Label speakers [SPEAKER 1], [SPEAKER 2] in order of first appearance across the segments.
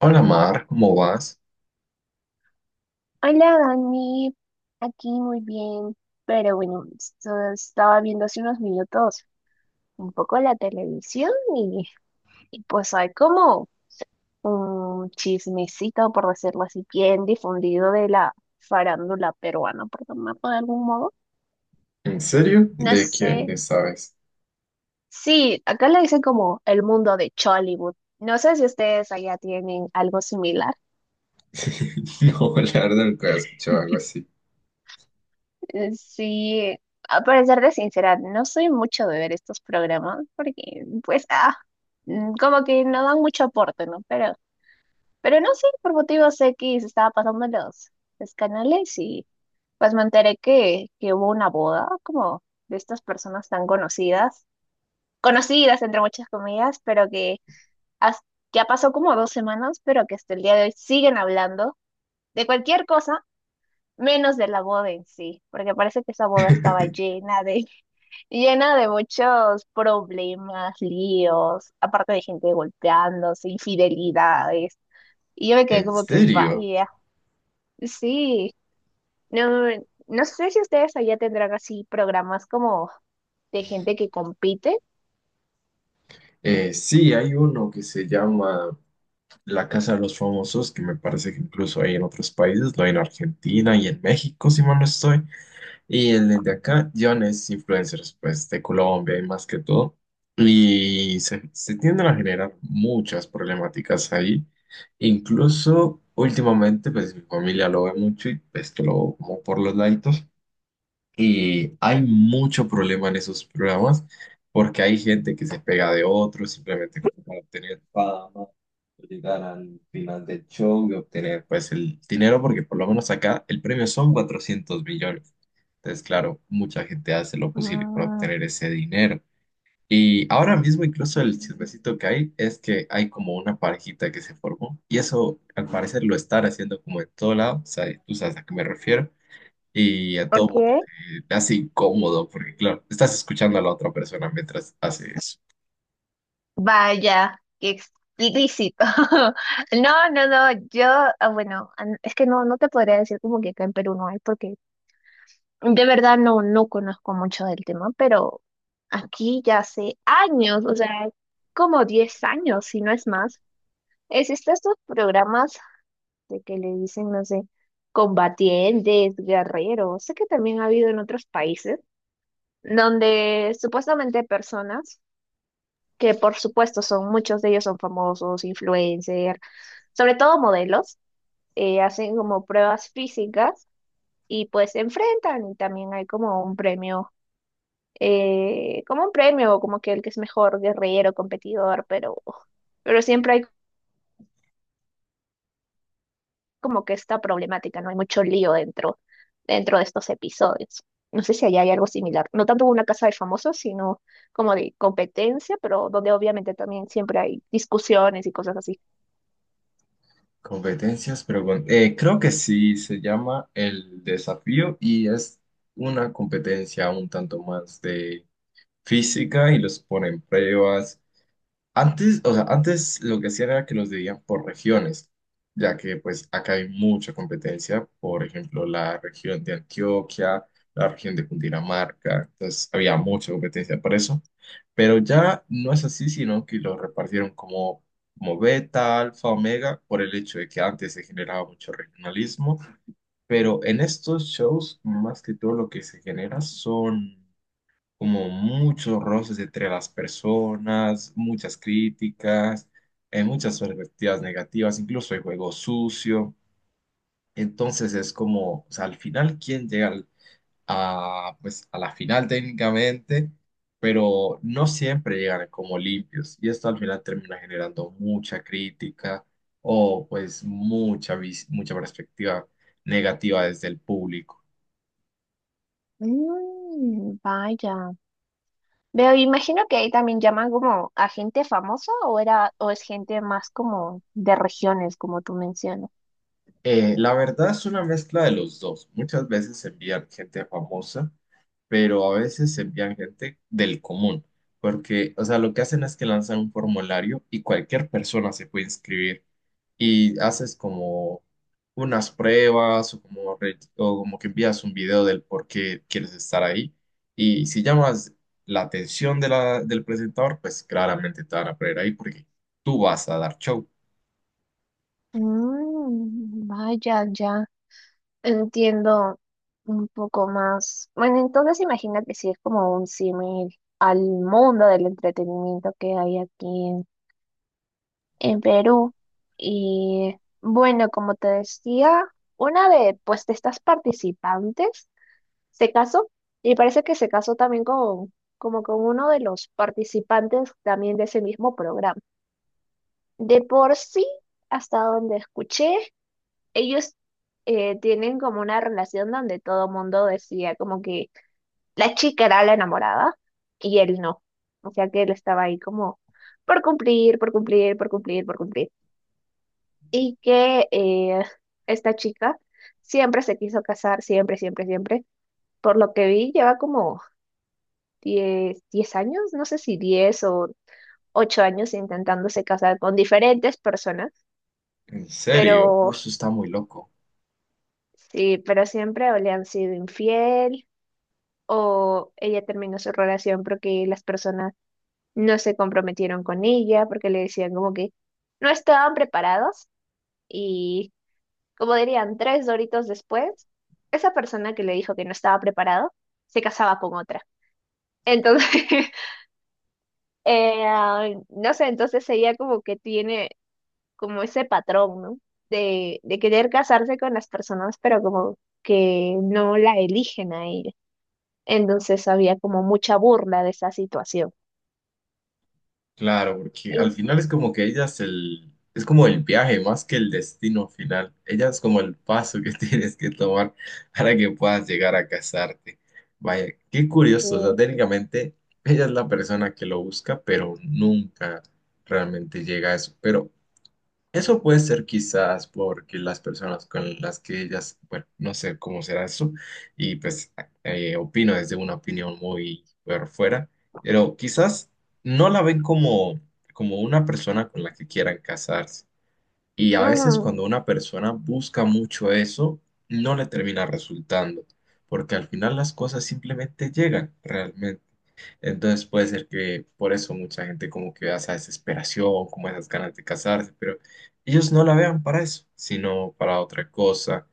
[SPEAKER 1] Hola Mar, ¿cómo vas?
[SPEAKER 2] Hola Dani, aquí muy bien, pero bueno, estaba viendo hace unos minutos un poco la televisión y pues hay como un chismecito, por decirlo así, bien difundido de la farándula peruana, por llamarlo de algún modo.
[SPEAKER 1] ¿En serio?
[SPEAKER 2] No
[SPEAKER 1] ¿De
[SPEAKER 2] sé,
[SPEAKER 1] quién? ¿De sabes?
[SPEAKER 2] sí, acá le dicen como el mundo de Chollywood. No sé si ustedes allá tienen algo similar.
[SPEAKER 1] No, la verdad nunca había escuchado algo así.
[SPEAKER 2] Sí, para serte sincera, no soy mucho de ver estos programas porque, pues, como que no dan mucho aporte, ¿no? Pero no sé, por motivos X estaba pasando los canales y pues me enteré que hubo una boda como de estas personas tan conocidas, conocidas entre muchas comillas, pero que has- ya pasó como 2 semanas, pero que hasta el día de hoy siguen hablando de cualquier cosa menos de la boda en sí, porque parece que esa boda estaba llena de muchos problemas, líos, aparte de gente golpeándose, infidelidades. Y yo me quedé
[SPEAKER 1] ¿En
[SPEAKER 2] como que,
[SPEAKER 1] serio?
[SPEAKER 2] vaya, sí, no, no sé si ustedes allá tendrán así programas como de gente que compite.
[SPEAKER 1] Sí, hay uno que se llama La Casa de los Famosos, que me parece que incluso hay en otros países, lo hay en Argentina y en México, si mal no estoy. Y el de acá, John es influencers, pues, de Colombia y más que todo. Y se tienden a generar muchas problemáticas ahí. Incluso últimamente, pues, mi familia lo ve mucho y pues que lo veo como por los laditos. Y hay mucho problema en esos programas porque hay gente que se pega de otros simplemente como para obtener fama, llegar al final del show y obtener pues el dinero porque por lo menos acá el premio son 400 millones. Entonces, claro, mucha gente hace lo posible para
[SPEAKER 2] Mm,
[SPEAKER 1] obtener ese dinero. Y ahora mismo incluso el chismecito que hay es que hay como una parejita que se formó y eso al parecer lo están haciendo como en todo lado, o sea, tú sabes a qué me refiero y a todo mundo
[SPEAKER 2] ok.
[SPEAKER 1] te hace incómodo porque, claro, estás escuchando a la otra persona mientras haces
[SPEAKER 2] Vaya, qué explícito. No, no, no, yo, bueno, es que no, no te podría decir como que acá en Perú no hay, porque de verdad no, no conozco mucho del tema, pero aquí ya hace años, o sea, como 10 años, si no es más, existen estos programas de que le dicen, no sé, combatientes, guerreros, sé que también ha habido en otros países, donde supuestamente personas, que por supuesto son, muchos de ellos son famosos, influencers, sobre todo modelos, hacen como pruebas físicas y pues se enfrentan y también hay como un premio como un premio, como que el que es mejor guerrillero, competidor, pero, siempre hay como que esta problemática, ¿no? Hay mucho lío dentro de estos episodios. No sé si allá hay algo similar. No tanto una casa de famosos, sino como de competencia, pero donde obviamente también siempre hay discusiones y cosas así.
[SPEAKER 1] competencias, pero bueno, creo que sí, se llama El Desafío y es una competencia un tanto más de física y los ponen pruebas. Antes, o sea, antes lo que hacían era que los dividían por regiones, ya que pues acá hay mucha competencia, por ejemplo, la región de Antioquia, la región de Cundinamarca, entonces había mucha competencia para eso, pero ya no es así, sino que lo repartieron como, como beta, alfa, omega, por el hecho de que antes se generaba mucho regionalismo, pero en estos shows más que todo lo que se genera son como muchos roces entre las personas, muchas críticas, muchas perspectivas negativas, incluso hay juego sucio. Entonces es como, o sea, al final, a, pues, ¿a la final técnicamente? Pero no siempre llegan como limpios y esto al final termina generando mucha crítica o pues mucha perspectiva negativa desde el público.
[SPEAKER 2] Mm, vaya. Veo, imagino que ahí también llaman como a gente famosa o era, o es gente más como de regiones, como tú mencionas.
[SPEAKER 1] La verdad es una mezcla de los dos. Muchas veces envían gente famosa, pero a veces envían gente del común, porque, o sea, lo que hacen es que lanzan un formulario y cualquier persona se puede inscribir y haces como unas pruebas o o como que envías un video del por qué quieres estar ahí y si llamas la atención de del presentador, pues claramente te van a poner ahí porque tú vas a dar show.
[SPEAKER 2] Mm, vaya, ya. Entiendo un poco más. Bueno, entonces imagino que sí es como un símil al mundo del entretenimiento que hay aquí en Perú. Y bueno, como te decía, una de pues de estas participantes se casó y parece que se casó también con, como con uno de los participantes también de ese mismo programa. De por sí, hasta donde escuché, ellos tienen como una relación donde todo mundo decía como que la chica era la enamorada y él no. O sea que él estaba ahí como por cumplir, por cumplir, por cumplir, por cumplir. Y que esta chica siempre se quiso casar, siempre, siempre, siempre. Por lo que vi, lleva como diez años, no sé si 10 o 8 años intentándose casar con diferentes personas,
[SPEAKER 1] ¿En serio? Uy,
[SPEAKER 2] pero
[SPEAKER 1] eso está muy loco.
[SPEAKER 2] sí, pero siempre o le han sido infiel o ella terminó su relación porque las personas no se comprometieron con ella, porque le decían como que no estaban preparados y como dirían, tres doritos después, esa persona que le dijo que no estaba preparado se casaba con otra. Entonces, no sé, entonces ella como que tiene como ese patrón, ¿no? De querer casarse con las personas, pero como que no la eligen a ella. Entonces había como mucha burla de esa situación.
[SPEAKER 1] Claro, porque al
[SPEAKER 2] Y,
[SPEAKER 1] final es como que es como el viaje más que el destino final. Ella es como el paso que tienes que tomar para que puedas llegar a casarte. Vaya, qué curioso. O sea,
[SPEAKER 2] eh,
[SPEAKER 1] técnicamente ella es la persona que lo busca, pero nunca realmente llega a eso. Pero eso puede ser quizás porque las personas con las que ellas, bueno, no sé cómo será eso, y pues opino desde una opinión muy por fuera, pero quizás no la ven como, como una persona con la que quieran casarse. Y a veces
[SPEAKER 2] ujú,
[SPEAKER 1] cuando una persona busca mucho eso, no le termina resultando, porque al final las cosas simplemente llegan realmente. Entonces puede ser que por eso mucha gente como que vea esa desesperación, como esas ganas de casarse, pero ellos no la vean para eso, sino para otra cosa.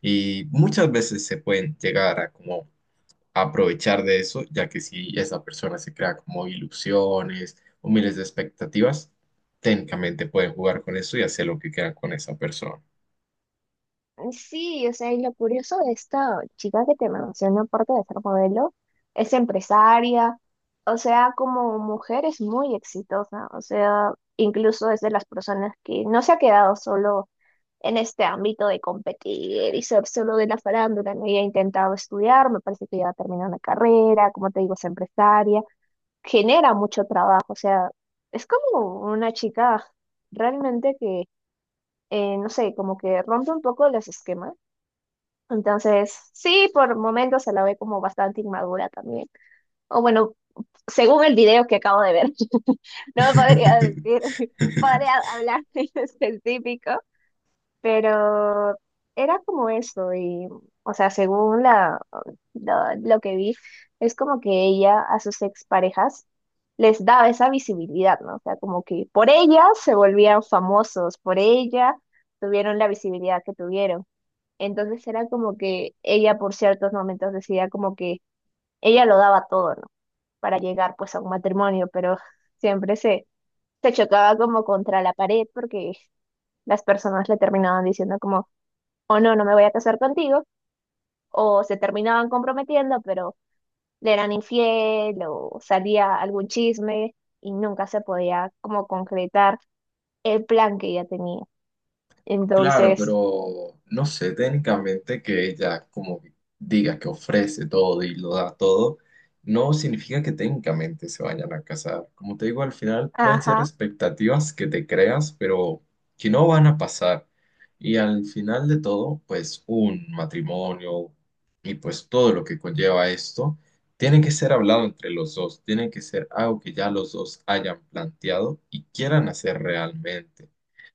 [SPEAKER 1] Y muchas veces se pueden llegar a como aprovechar de eso, ya que si esa persona se crea como ilusiones o miles de expectativas, técnicamente pueden jugar con eso y hacer lo que quieran con esa persona.
[SPEAKER 2] sí, o sea, y lo curioso de esta chica que te menciono, aparte de ser modelo, es empresaria, o sea, como mujer es muy exitosa, o sea, incluso es de las personas que no se ha quedado solo en este ámbito de competir y ser solo de la farándula. No había intentado estudiar, me parece que ya terminó una carrera, como te digo, es empresaria, genera mucho trabajo, o sea, es como una chica realmente que, no sé, como que rompe un poco los esquemas. Entonces, sí, por momentos se la ve como bastante inmadura también. O bueno, según el video que acabo de ver, no podría decir, podría hablar en específico. Pero era como eso, y, o sea, según lo que vi, es como que ella a sus exparejas les daba esa visibilidad, ¿no? O sea, como que por ella se volvían famosos, por ella tuvieron la visibilidad que tuvieron. Entonces era como que ella por ciertos momentos decía como que ella lo daba todo, ¿no? Para llegar pues a un matrimonio, pero siempre se chocaba como contra la pared porque las personas le terminaban diciendo como o no, no me voy a casar contigo, o se terminaban comprometiendo, pero le eran infiel o salía algún chisme y nunca se podía como concretar el plan que ella tenía.
[SPEAKER 1] Claro,
[SPEAKER 2] Entonces,
[SPEAKER 1] pero no sé, técnicamente que ella como que diga que ofrece todo y lo da todo, no significa que técnicamente se vayan a casar. Como te digo, al final pueden ser
[SPEAKER 2] ajá,
[SPEAKER 1] expectativas que te creas, pero que no van a pasar. Y al final de todo, pues un matrimonio y pues todo lo que conlleva esto, tiene que ser hablado entre los dos, tiene que ser algo que ya los dos hayan planteado y quieran hacer realmente.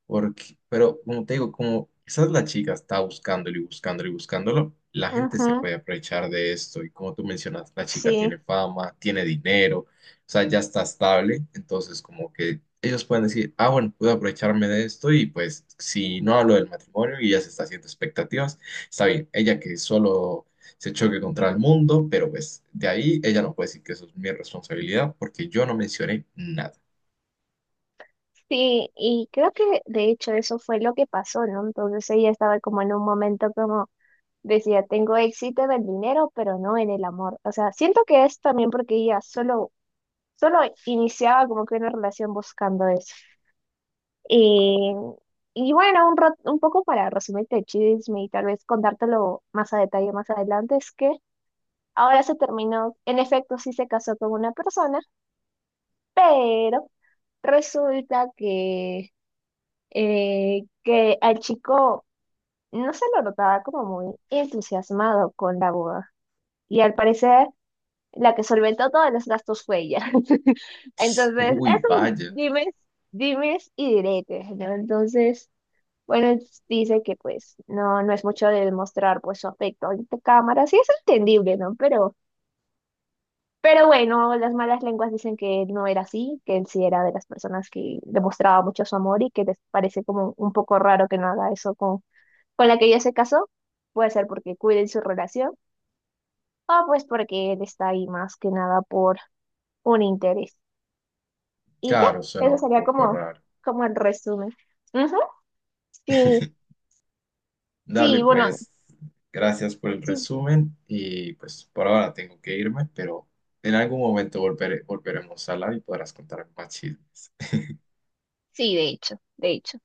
[SPEAKER 1] Porque, pero como te digo, como quizás la chica está buscándolo y buscándolo y buscándolo, la gente se
[SPEAKER 2] ujú,
[SPEAKER 1] puede aprovechar de esto. Y como tú mencionas, la chica tiene
[SPEAKER 2] sí.
[SPEAKER 1] fama, tiene dinero, o sea, ya está estable. Entonces, como que ellos pueden decir, ah, bueno, puedo aprovecharme de esto y pues si no hablo del matrimonio y ya se está haciendo expectativas, está bien. Ella que solo se choque contra el mundo, pero pues de ahí ella no puede decir que eso es mi responsabilidad porque yo no mencioné nada.
[SPEAKER 2] Sí, y creo que de hecho eso fue lo que pasó, ¿no? Entonces ella estaba como en un momento como decía, tengo éxito en el dinero, pero no en el amor. O sea, siento que es también porque ella solo iniciaba como que una relación buscando eso. Y, y bueno, un, un poco para resumirte el chisme y tal vez contártelo más a detalle más adelante, es que ahora se terminó, en efecto sí se casó con una persona, pero resulta que al chico no se lo notaba como muy entusiasmado con la boda. Y al parecer la que solventó todos los gastos fue ella. Entonces, es
[SPEAKER 1] Uy,
[SPEAKER 2] un
[SPEAKER 1] vaya.
[SPEAKER 2] dimes y diretes, ¿no? Entonces... Bueno, entonces dice que pues no, no es mucho de demostrar pues su afecto ante cámara, sí es entendible, ¿no? pero, bueno, las malas lenguas dicen que no era así, que él sí era de las personas que demostraba mucho su amor y que les parece como un poco raro que no haga eso con la que ella se casó. Puede ser porque cuiden su relación o pues porque él está ahí más que nada por un interés. Y ya,
[SPEAKER 1] Claro, suena
[SPEAKER 2] eso
[SPEAKER 1] un
[SPEAKER 2] sería
[SPEAKER 1] poco
[SPEAKER 2] como,
[SPEAKER 1] raro.
[SPEAKER 2] como el resumen. Ujú, sí,
[SPEAKER 1] Dale,
[SPEAKER 2] sí, bueno,
[SPEAKER 1] pues gracias por el
[SPEAKER 2] sí,
[SPEAKER 1] resumen y pues por ahora tengo que irme, pero en algún momento volveremos a hablar y podrás contar más chismes.
[SPEAKER 2] sí, de hecho, de hecho.